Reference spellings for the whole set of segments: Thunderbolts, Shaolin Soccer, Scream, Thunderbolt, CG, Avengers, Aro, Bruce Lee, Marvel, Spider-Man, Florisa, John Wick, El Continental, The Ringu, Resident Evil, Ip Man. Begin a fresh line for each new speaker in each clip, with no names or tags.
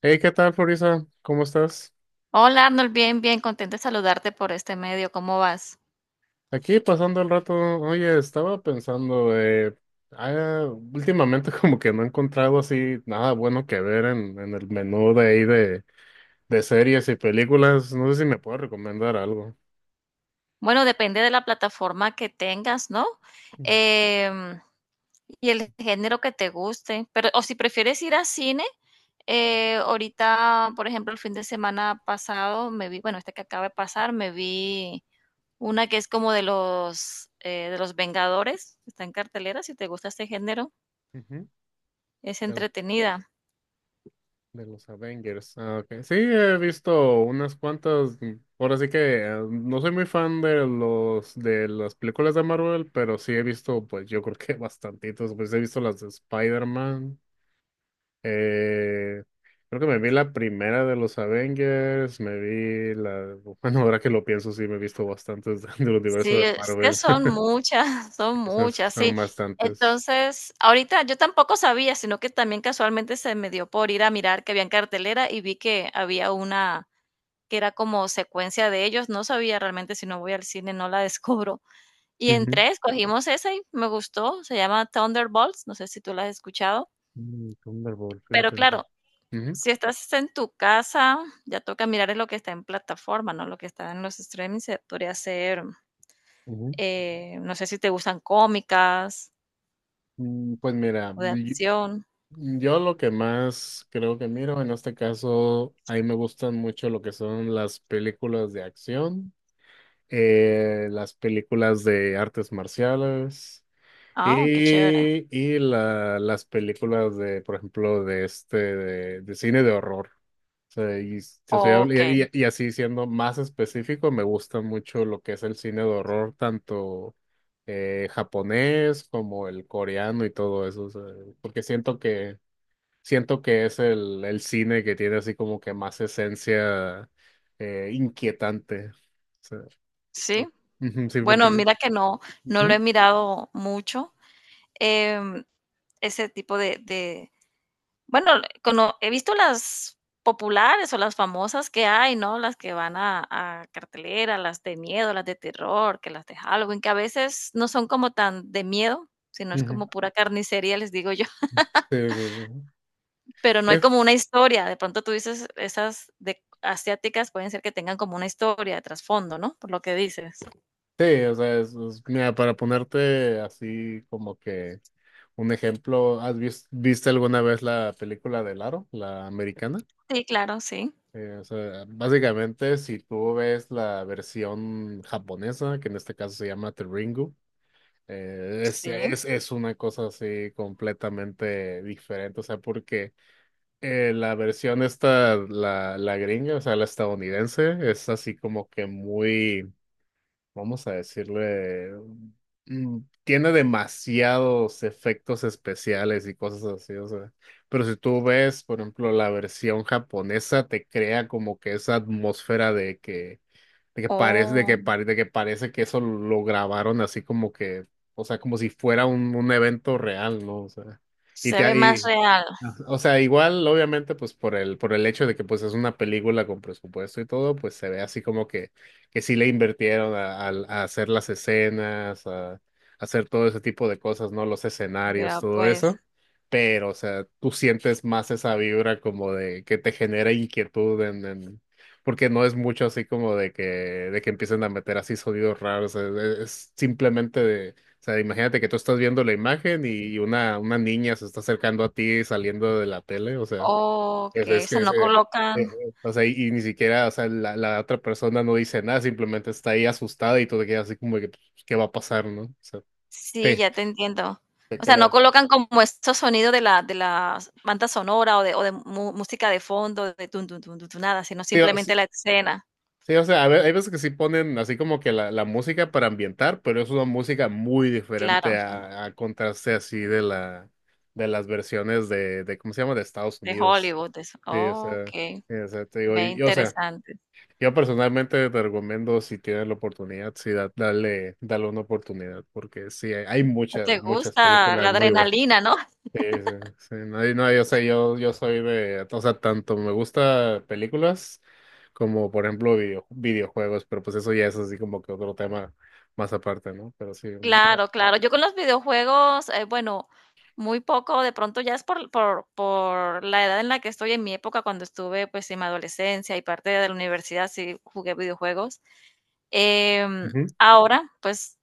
Hey, ¿qué tal, Florisa? ¿Cómo estás?
Hola Arnold, bien, bien, contenta de saludarte por este medio. ¿Cómo vas?
Aquí pasando el rato. Oye, estaba pensando, ah, últimamente como que no he encontrado así nada bueno que ver en el menú de ahí de series y películas. No sé si me puedes recomendar algo.
Bueno, depende de la plataforma que tengas, ¿no?
Mm.
Em, y el género que te guste. Pero, o si prefieres ir a cine, ahorita, por ejemplo, el fin de semana pasado me vi, bueno, este que acaba de pasar, me vi una que es como de los Vengadores, está en cartelera, si te gusta este género,
Ujú.
es
De,
entretenida.
de los Avengers. Ah, ok. Sí, he visto unas cuantas. Ahora sí que no soy muy fan de las películas de Marvel, pero sí he visto, pues yo creo que bastantitos. Pues he visto las de Spider-Man. Eh, creo que me vi la primera de los Avengers, Bueno, ahora que lo pienso, sí, me he visto bastantes del universo
Sí,
de
es que
Marvel.
son muchas, son
Esas
muchas,
son
sí.
bastantes.
Entonces, ahorita yo tampoco sabía, sino que también casualmente se me dio por ir a mirar que había en cartelera y vi que había una que era como secuencia de ellos. No sabía realmente, si no voy al cine, no la descubro. Y
Ujú.
entré, escogimos esa y me gustó. Se llama Thunderbolts, no sé si tú la has escuchado,
Mm, Thunderbolt,
pero
fíjate.
claro,
Ujú,
si estás en tu casa, ya toca mirar es lo que está en plataforma, ¿no? Lo que está en los streamings, se podría ser.
ujú.
No sé si te gustan cómicas
Mm, pues mira,
o de
yo,
acción.
yo lo que más creo que miro en este caso, a mí me gustan mucho lo que son las películas de acción, las películas de artes marciales.
Ah, oh, qué chévere.
Y las películas de, por ejemplo, de este, de cine de horror. O sea, y yo soy
Okey,
y así siendo más específico, me gusta mucho lo que es el cine de horror, tanto japonés como el coreano y todo eso. O sea, porque siento que es el cine que tiene así como que más esencia inquietante. O sea,
sí.
por- ujú, sí,
Bueno,
porque sí.
mira que no, no lo he
Ujú,
mirado mucho, em, ese tipo de bueno, cono he visto las populares o las famosas que hay, ¿no? Las que van a cartelera, las de miedo, las de terror, que las de Halloween, que a veces no son como tan de miedo, sino es
ujú.
como pura carnicería, les digo yo.
Sí, sí, sí.
Pero no hay como una historia. De pronto tú dices, esas de asiáticas pueden ser que tengan como una historia de trasfondo, ¿no? Por lo que dices.
Sí, o sea, mira, para ponerte así como que un ejemplo, ¿has visto viste alguna vez la película de Aro, la americana?
Sí, claro, sí.
O sea, básicamente, si tú ves la versión japonesa, que en este caso se llama The Ringu, es,
Sí.
es, es una cosa así completamente diferente. O sea, porque la versión esta, la gringa, o sea, la estadounidense, es así como que muy, vamos a decirle, tiene demasiados efectos especiales y cosas así. O sea, pero si tú ves, por ejemplo, la versión japonesa te crea como que esa atmósfera de que parece de
Oh,
que pare- de que parece que eso lo grabaron así como que, o sea, como si fuera un evento real, ¿no? O sea, y
se ve
te,
más
y
real.
ajá. O sea, igual, obviamente, pues por el hecho de que pues es una película con presupuesto y todo, pues se ve así como que sí le invirtieron a hacer las escenas, a hacer todo ese tipo de cosas, ¿no? Los escenarios,
Ya
todo
pues.
eso. Pero, o sea, tú sientes más esa vibra como de que te genera inquietud porque no es mucho así como de que empiecen a meter así sonidos raros. Es simplemente, sea, imagínate que tú estás viendo la imagen y una niña se está acercando a ti saliendo de la tele. O sea, es,
Okey, o
es
sea,
que, es,
no
eh,
colocan,
o sea, y ni siquiera, o sea, la otra persona no dice nada, simplemente está ahí asustada y tú te quedas así como que, pues, ¿qué va a pasar, no? O sea,
sí,
te,
ya te entiendo.
te
O sea, no
crea.
colocan como estos sonidos de la banda sonora o de mu música de fondo de tun, tun, tun, tun, tun, nada, sino
Digo,
simplemente la escena.
sí, o sea, hay veces que sí ponen así como que la música para ambientar, pero es una música muy diferente
Claro,
a contraste así de las versiones de, ¿cómo se llama? De Estados
de
Unidos.
Hollywood, de eso.
Sí, o sea,
Okey,
sí, o sea, te digo,
ve
y, o sea,
interesante.
yo personalmente te recomiendo si tienes la oportunidad, sí, dale una oportunidad, porque sí, hay
No
muchas,
te
muchas
gusta la
películas muy buenas.
adrenalina, ¿no?
Sí, sí, sí, no, y no, yo sé, yo soy de, o sea, tanto me gusta películas como, por ejemplo, videojuegos, pero pues eso ya es así como que otro tema más aparte, ¿no? Pero sí, o sea,
Claro, claro. Yo con los videojuegos, bueno, muy poco, de pronto ya es por la edad en la que estoy, en mi época, cuando estuve, pues, en mi adolescencia y parte de la universidad, sí jugué videojuegos. Em,
ujú,
Ahora, pues,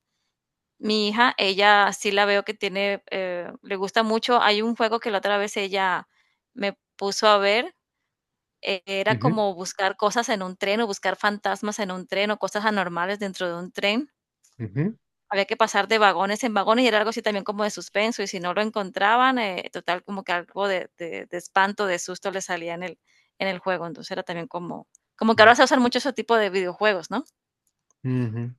mi hija, ella sí la veo que tiene, le gusta mucho. Hay un juego que la otra vez ella me puso a ver, era
ujú,
como buscar cosas en un tren, o buscar fantasmas en un tren, o cosas anormales dentro de un tren.
ujú,
Había que pasar de vagones en vagones y era algo así también como de suspenso y si no lo encontraban, total como que algo de espanto, de susto le salía en en el juego, entonces era también como, como que
ujú,
ahora se usan mucho ese tipo de videojuegos, ¿no?
ujú.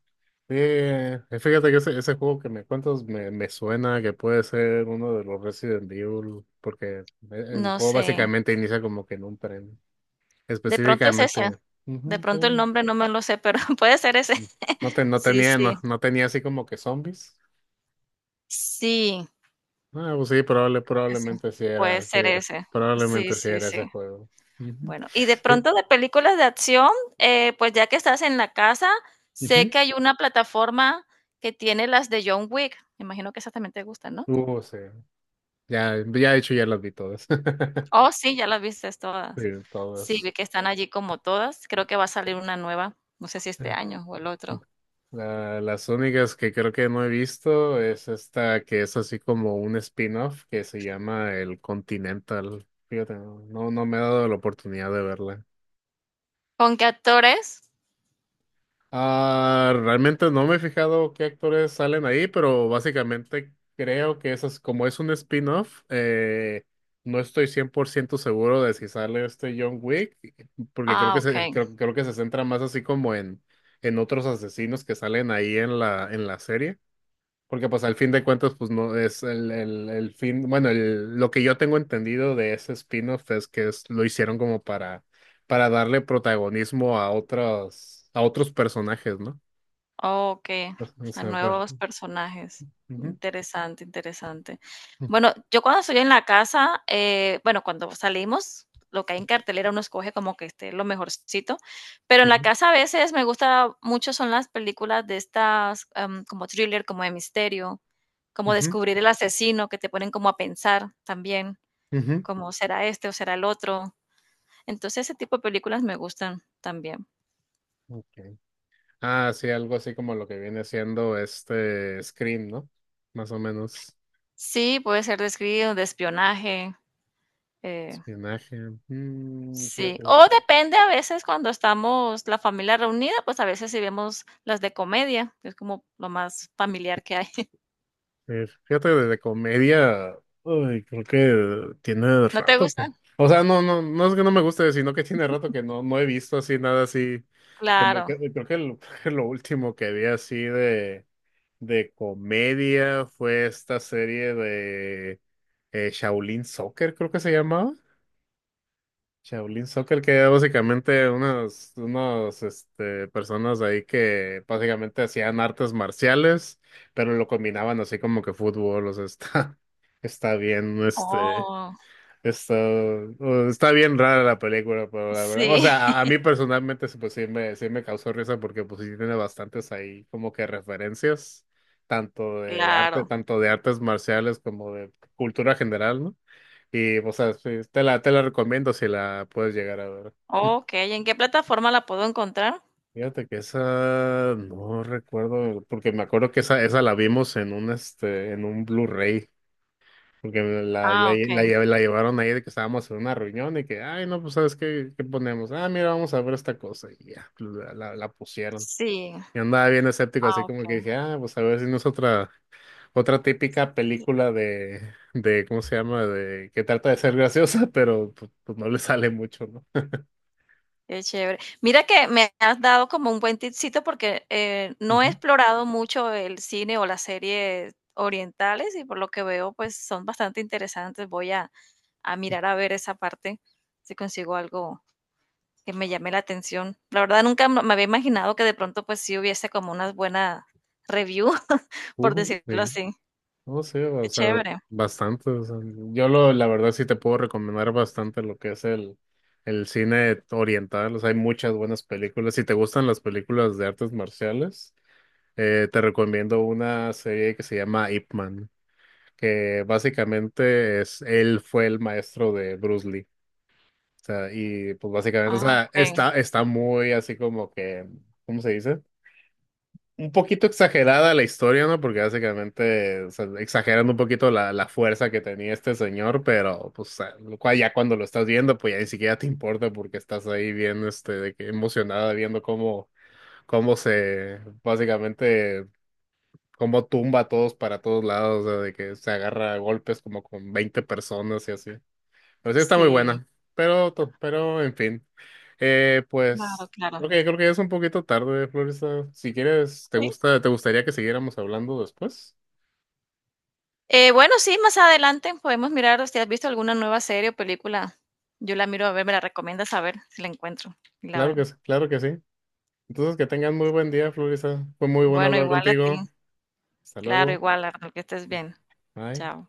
Fíjate que ese juego que me cuentas me suena que puede ser uno de los Resident Evil, porque el
No
juego
sé,
básicamente inicia como que en un tren.
de pronto es ese,
Específicamente,
de
ujú,
pronto el
sí.
nombre no me lo sé, pero puede ser ese.
mm, No, no
Sí,
tenía, no,
sí,
no tenía así como que zombies.
sí,
Ah, pues sí, probable,
creo que sí,
probablemente sí
puede
era, sí
ser
era.
ese. Sí,
Probablemente sí
sí,
era
sí.
ese juego. Ujú.
Bueno, y de
Sí,
pronto de películas de acción, pues ya que estás en la casa, sé que hay una plataforma que tiene las de John Wick. Me imagino que esas también te gustan, ¿no?
ujú. Sí, ya, ya de hecho ya las vi todas.
Oh, sí, ya las viste todas.
Sí,
Sí,
todas.
vi que están allí como todas. Creo que va a salir una nueva, no sé si este año o el otro.
Las únicas que creo que no he visto es esta que es así como un spin-off que se llama El Continental. Fíjate, no me ha dado la oportunidad de verla.
¿Con qué actores?
Ah, realmente no me he fijado qué actores salen ahí, pero básicamente creo que eso es como es un spin-off. No estoy 100% seguro de si sale este John Wick, porque creo
Ah,
que
ok.
se, creo, creo que se centra más así como en otros asesinos que salen ahí en la serie. Porque pues al fin de cuentas, pues no es el fin, bueno, lo que yo tengo entendido de ese spin-off es que lo hicieron como para darle protagonismo a otros personajes, ¿no?
Okey,
O
a
sea,
nuevos personajes.
ujú,
Interesante, interesante. Bueno, yo cuando estoy en la casa, bueno, cuando salimos, lo que hay en cartelera uno escoge como que esté lo mejorcito, pero en la
ujú,
casa a veces me gusta mucho son las películas de estas, como thriller, como de misterio, como
ujú,
descubrir el asesino, que te ponen como a pensar también,
ujú.
como será este o será el otro. Entonces, ese tipo de películas me gustan también.
Okay. Ah, sí, algo así como lo que viene siendo este Scream, ¿no? Más o menos.
Sí, puede ser de escribir, de espionaje, eh
Espionaje.
sí,
Fíjate.
o depende a veces cuando estamos la familia reunida, pues a veces sí vemos las de comedia, que es como lo más familiar que hay.
Fíjate que de comedia, uy, creo que tiene
¿No te
rato, pues.
gustan?
O sea, no, no, no es que no me guste, sino que tiene rato que no he visto así nada así.
Claro.
Creo que lo, lo último que vi así de comedia fue esta serie de Shaolin Soccer, creo que se llamaba. Shaolin Soccer, que era básicamente unos este, personas ahí que básicamente hacían artes marciales, pero lo combinaban así como que fútbol, o sea, está, está bien,
Oh,
está bien rara la película, pero la verdad, o
sí,
sea, a, a mí personalmente sí, pues sí me causó risa porque pues sí tiene bastantes ahí como que referencias, tanto de arte,
claro.
tanto de artes marciales como de cultura general, ¿no? Y, o sea, sí, te la recomiendo si la puedes llegar a ver.
Okey, ¿en qué plataforma la puedo encontrar?
Fíjate que esa no recuerdo, porque me acuerdo que esa la vimos en un Blu-ray, porque la, la, la,
Ah, okey.
lle- la llevaron ahí de que estábamos en una reunión y que, ay, no, pues sabes qué, ponemos, mira, vamos a ver esta cosa, y ya, la pusieron.
Sí.
Y andaba bien escéptico,
Ah,
así como que
okey.
dije, pues a ver si no es otra, típica película de, ¿cómo se llama? De que trata de ser graciosa, pero pues, no le sale mucho, ¿no?
Qué chévere. Mira que me has dado como un buen tipcito porque no he explorado mucho el cine o las series orientales y por lo que veo pues son bastante interesantes. Voy a mirar a ver esa parte si consigo algo que me llame la atención. La verdad nunca me había imaginado que de pronto pues sí hubiese como una buena review, por decirlo
Sí,
así.
no sé, o
Qué
sea,
chévere.
bastante. O sea, la verdad sí te puedo recomendar bastante lo que es el cine oriental. O sea, hay muchas buenas películas. Si te gustan las películas de artes marciales, te recomiendo una serie que se llama Ip Man, que básicamente él fue el maestro de Bruce Lee. O sea, y pues básicamente, o
Ah,
sea,
ok.
está muy así como que, ¿cómo se dice? Un poquito exagerada la historia, ¿no? Porque básicamente, o sea, exagerando un poquito la fuerza que tenía este señor, pero pues lo cual ya cuando lo estás viendo, pues ya ni siquiera te importa porque estás ahí bien, este, de que emocionada viendo cómo se, básicamente, cómo tumba a todos para todos lados, o sea, de que se agarra a golpes como con 20 personas y así. Pero sí está muy
Sí,
buena. Pero en fin.
claro,
Pues,
claro.
ok, creo que ya es un poquito tarde, Florista. Si quieres, te
Sí,
gusta, te gustaría que siguiéramos hablando después.
Bueno, sí, más adelante podemos mirar si has visto alguna nueva serie o película. Yo la miro a ver, me la recomiendas a ver si la encuentro y la
Claro
veo.
que sí, claro que sí. Entonces, que tengan muy buen día, Florista. Fue muy bueno
Bueno,
hablar
igual a ti.
contigo. Hasta
Claro,
luego.
igual, Arnold, que estés bien.
Bye.
Chao.